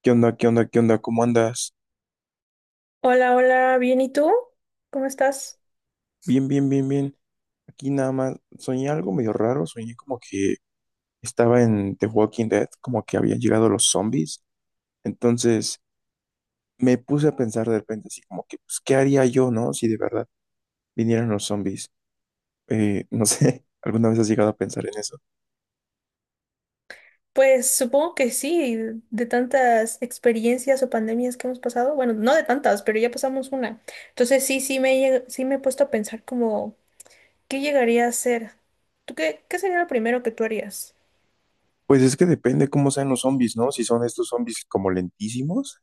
¿Qué onda? ¿Qué onda? ¿Qué onda? ¿Cómo andas? Hola, hola, bien, ¿y tú? ¿Cómo estás? Bien, bien, bien, bien. Aquí nada más soñé algo medio raro. Soñé como que estaba en The Walking Dead, como que habían llegado los zombies. Entonces me puse a pensar de repente, así como que, pues, ¿qué haría yo, no? Si de verdad vinieran los zombies. No sé, ¿alguna vez has llegado a pensar en eso? Pues supongo que sí, de tantas experiencias o pandemias que hemos pasado, bueno, no de tantas, pero ya pasamos una. Entonces sí, sí me he puesto a pensar como, ¿qué llegaría a ser? ¿Tú qué sería lo primero que tú harías? Pues es que depende cómo sean los zombies, ¿no? Si son estos zombies como lentísimos,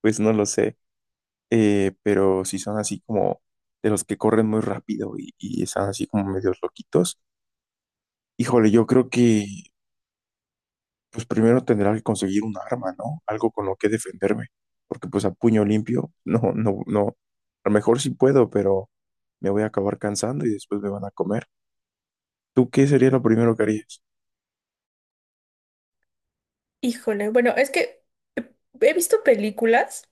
pues no lo sé. Pero si son así como de los que corren muy rápido y están así como medios loquitos. Híjole, yo creo que pues primero tendrá que conseguir un arma, ¿no? Algo con lo que defenderme, porque pues a puño limpio, no, no, no. A lo mejor sí puedo, pero me voy a acabar cansando y después me van a comer. ¿Tú qué sería lo primero que harías? Híjole, bueno, es que he visto películas,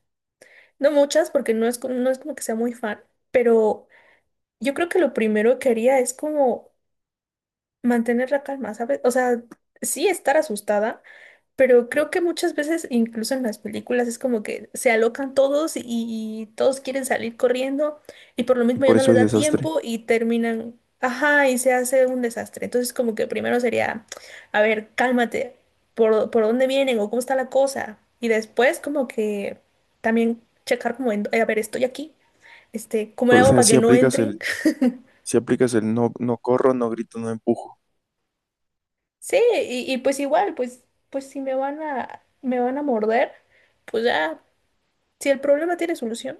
no muchas porque no es como que sea muy fan, pero yo creo que lo primero que haría es como mantener la calma, ¿sabes? O sea, sí estar asustada. Pero creo que muchas veces, incluso en las películas, es como que se alocan todos y todos quieren salir corriendo y por lo Y mismo ya por no eso les es da desastre. tiempo y terminan, ajá, y se hace un desastre. Entonces como que primero sería, a ver, cálmate, ¿por dónde vienen o cómo está la cosa? Y después como que también checar como, a ver, estoy aquí, este, ¿cómo le O hago sea, para si que no aplicas entren? el, si aplicas el no, no corro, no grito, no empujo. Sí, y pues igual, pues, pues si me van a morder, pues ya, si el problema tiene solución.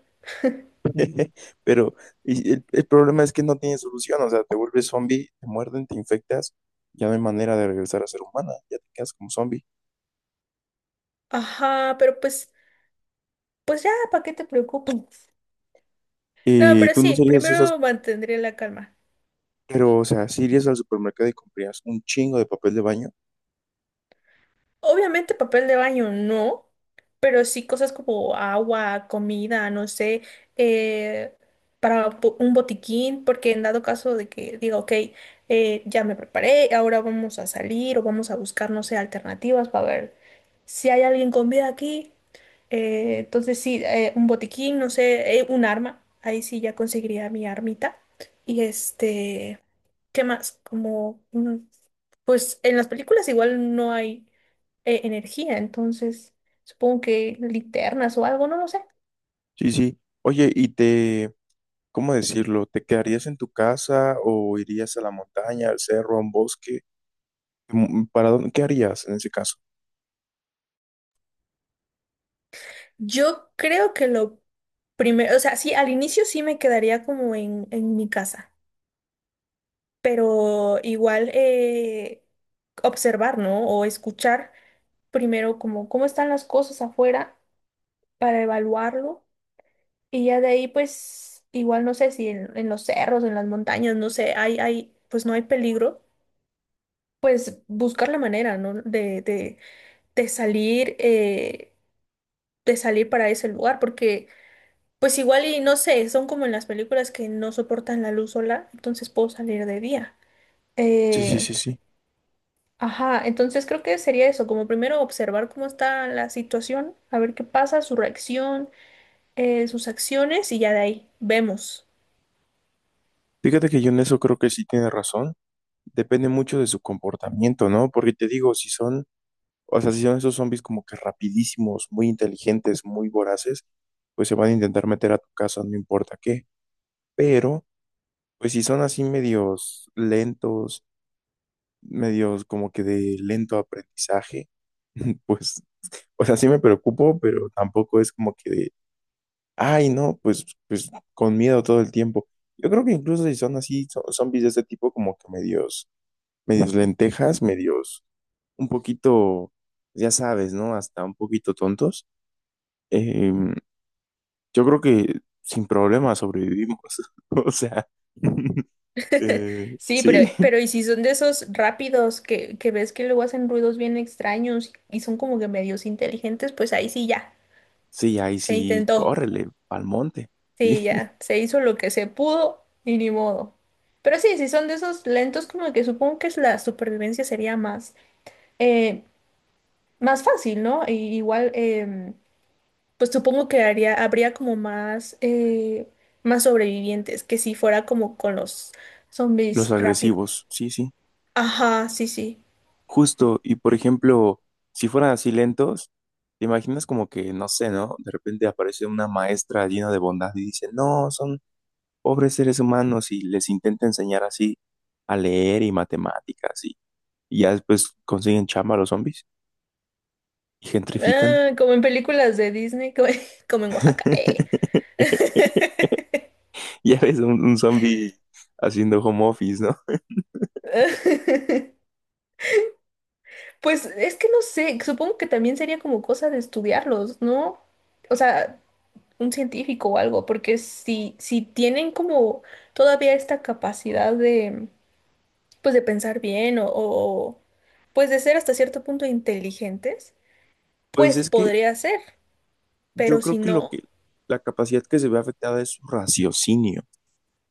Pero y el problema es que no tiene solución, o sea, te vuelves zombie, te muerden, te infectas, ya no hay manera de regresar a ser humana, ya te quedas como zombie. Ajá, pero pues, pues ya, ¿para qué te preocupas? No, pero ¿Tú no sí, serías esas? primero mantendré la calma. Pero, o sea, si irías al supermercado y comprarías un chingo de papel de baño. Obviamente papel de baño no, pero sí cosas como agua, comida, no sé, eh, para un botiquín, porque en dado caso de que diga, ok, ya me preparé, ahora vamos a salir o vamos a buscar, no sé, alternativas para ver si hay alguien con vida aquí. Entonces sí, un botiquín, no sé, un arma. Ahí sí ya conseguiría mi armita. Y este, ¿qué más? Como, pues en las películas igual no hay energía, entonces supongo que linternas o algo, no lo sé. Sí, sí. Oye, y te, ¿cómo decirlo? ¿Te quedarías en tu casa o irías a la montaña, al cerro, a un bosque? ¿Para dónde? ¿Qué harías en ese caso? Yo creo que lo primero, o sea, sí, al inicio sí me quedaría como en mi casa, pero igual observar, ¿no? O escuchar primero como cómo están las cosas afuera para evaluarlo. Y ya de ahí, pues, igual no sé si en, en los cerros, en las montañas, no sé, pues no hay peligro, pues buscar la manera, ¿no? De salir, eh, de salir para ese lugar, porque pues igual y no sé, son como en las películas que no soportan la luz sola, entonces puedo salir de día. Sí, sí, Eh, sí, sí. ajá, entonces creo que sería eso, como primero observar cómo está la situación, a ver qué pasa, su reacción, sus acciones y ya de ahí vemos. Fíjate que yo en eso creo que sí tiene razón. Depende mucho de su comportamiento, ¿no? Porque te digo, si son, o sea, si son esos zombies como que rapidísimos, muy inteligentes, muy voraces, pues se van a intentar meter a tu casa, no importa qué. Pero pues si son así medios lentos, medios como que de lento aprendizaje, pues, o sea, sí me preocupo, pero tampoco es como que de, ay, no, pues con miedo todo el tiempo. Yo creo que incluso si son así, son zombies de este tipo como que medios, medios lentejas, medios un poquito, ya sabes, ¿no? Hasta un poquito tontos. em, yo creo que sin problema sobrevivimos. O sea, Sí, sí. pero y si son de esos rápidos que ves que luego hacen ruidos bien extraños y son como que medios inteligentes, pues ahí sí ya, Sí, ahí se sí, intentó. córrele, al monte. Sí, Sí, ya, se hizo lo que se pudo y ni modo. Pero sí, si son de esos lentos, como que supongo que es la supervivencia sería más, eh, más fácil, ¿no? Y igual, pues supongo que haría, habría como más, más sobrevivientes que si fuera como con los los zombies rápidos. agresivos, sí, sí. Ajá, sí, sí. Justo, y por ejemplo, si fueran así lentos, te imaginas como que, no sé, ¿no? De repente aparece una maestra llena de bondad y dice, no, son pobres seres humanos y les intenta enseñar así a leer y matemáticas y ya después consiguen chamba los zombies y gentrifican. Ah, como en películas de Disney, como, como en Oaxaca. Ya ves un zombie haciendo home office, ¿no? Pues es que no sé, supongo que también sería como cosa de estudiarlos, ¿no? O sea, un científico o algo, porque si, si tienen como todavía esta capacidad de, pues de pensar bien o pues de ser hasta cierto punto inteligentes, Pues pues es que podría ser, yo pero si creo que lo no, que la capacidad que se ve afectada es su raciocinio,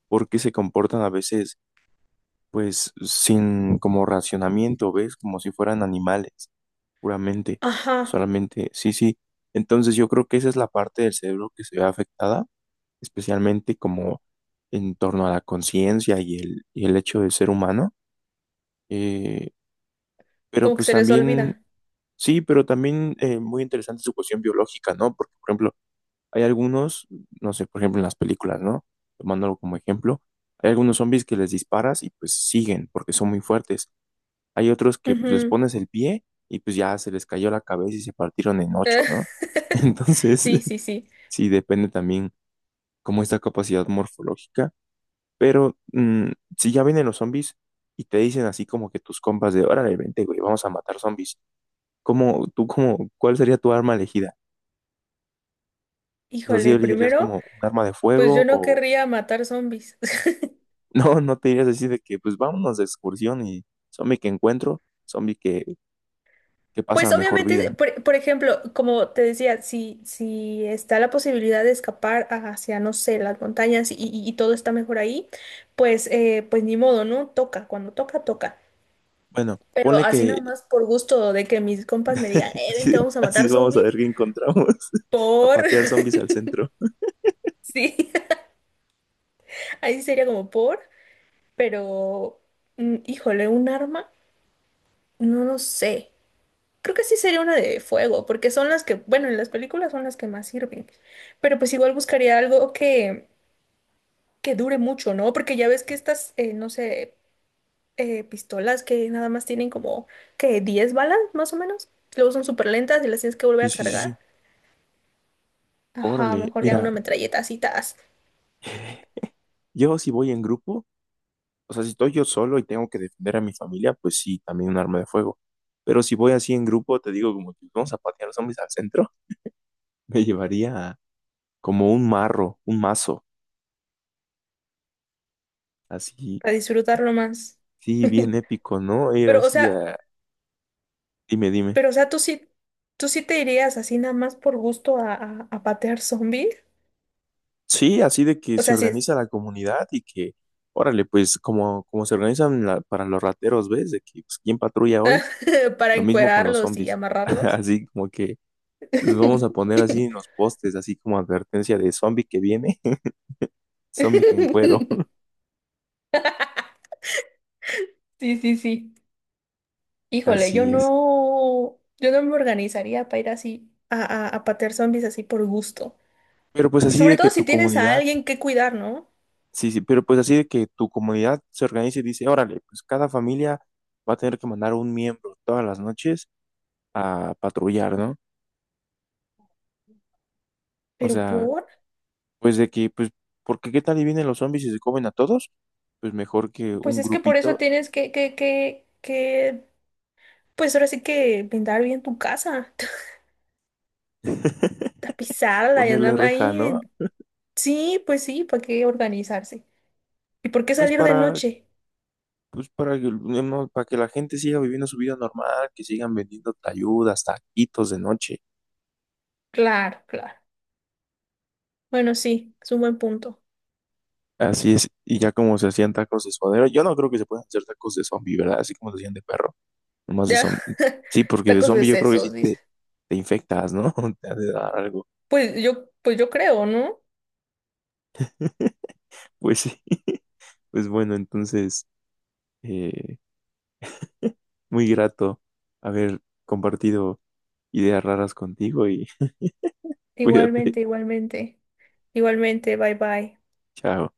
porque se comportan a veces, pues, sin como racionamiento, ¿ves? Como si fueran animales, puramente, ajá, solamente, sí, sí. Entonces yo creo que esa es la parte del cerebro que se ve afectada, especialmente como en torno a la conciencia y el hecho de ser humano. Eh, pero como que pues se les también, olvida. sí, pero también muy interesante su cuestión biológica, ¿no? Porque, por ejemplo, hay algunos, no sé, por ejemplo en las películas, ¿no? Tomándolo como ejemplo, hay algunos zombies que les disparas y pues siguen porque son muy fuertes. Hay otros que pues les Ujú. pones el pie y pues ya se les cayó la cabeza y se partieron en ocho, ¿no? Entonces, Sí, sí, sí. sí, depende también como esta capacidad morfológica. Pero si ya vienen los zombies y te dicen así como que tus compas de, órale, vente, güey, vamos a matar zombies. ¿Cómo, tú, cómo, cuál sería tu arma elegida? O sea, ¿si Híjole, elegirías primero, como un arma de pues yo fuego no o? querría matar zombies. No, no te dirías así de que, pues vámonos de excursión y zombie que encuentro, zombie que pasa a Pues mejor obviamente, vida. Por ejemplo, como te decía, si, si está la posibilidad de escapar hacia, no sé, las montañas y todo está mejor ahí, pues, pues ni modo, ¿no? Toca, cuando toca, toca. Bueno, Pero ponle así nada que más por gusto de que mis compas me digan, así, vente, vamos a así de matar vamos a zombies. ver qué encontramos. A Por, patear zombies al centro. sí, ahí sería como por, pero, mm, híjole, un arma, no lo sé. Creo que sí sería una de fuego, porque son las que, bueno, en las películas son las que más sirven. Pero pues igual buscaría algo que dure mucho, ¿no? Porque ya ves que estas, no sé, pistolas que nada más tienen como que 10 balas, más o menos. Luego son súper lentas y las tienes que volver Sí, a sí, sí, sí. cargar. Ajá, Órale, mejor ya mira, una metralleta así, tas, yo si voy en grupo, o sea, si estoy yo solo y tengo que defender a mi familia, pues sí, también un arma de fuego. Pero si voy así en grupo, te digo como que vamos a patear zombies al centro, me llevaría como un marro, un mazo, así, para disfrutarlo más. sí, bien épico, ¿no? Ir Pero, o así sea, a... Dime, dime. pero, o sea, tú sí te irías así nada más por gusto a patear zombies. Sí, así de que O se sea, sí. organiza la comunidad y que, órale, pues como se organizan para los rateros, ¿ves? De que pues, quién patrulla hoy, Para lo mismo con los encuerarlos y zombies. amarrarlos. Así como que los vamos a poner así en los postes, así como advertencia de zombie que viene, zombie que en cuero. Sí, sí, sí. Híjole, yo Así es. no, yo no me organizaría para ir así a patear zombies así por gusto. Pero pues Y así sobre de que todo si tu tienes a comunidad, alguien que cuidar, ¿no? sí, sí, pero pues así de que tu comunidad se organice y dice, órale, pues cada familia va a tener que mandar un miembro todas las noches a patrullar, ¿no? O Pero sea... por, Pues de que, pues, ¿porque qué tal y vienen los zombies y se comen a todos? Pues mejor que pues un es que por eso grupito, tienes pues ahora sí que pintar bien tu casa, tapizarla y ponerle andarla reja, ¿no? ahí. Sí, pues sí, ¿para qué organizarse? ¿Y por qué Pues salir de para, noche? pues para que, no, para que la gente siga viviendo su vida normal, que sigan vendiendo tayudas, taquitos de noche. Claro, claro. Bueno, sí, es un buen punto. Así es, y ya como se hacían tacos de suadero, yo no creo que se puedan hacer tacos de zombie, ¿verdad? Así como se hacían de perro, nomás de Ya, zombie. Sí, porque de tacos de zombie yo creo que sí sesos, dice. te infectas, ¿no? Te ha de dar algo. Pues yo creo, ¿no? Pues sí, pues bueno, entonces. eh, Muy grato haber compartido ideas raras contigo y cuídate. Igualmente, igualmente. Igualmente, bye bye. Chao.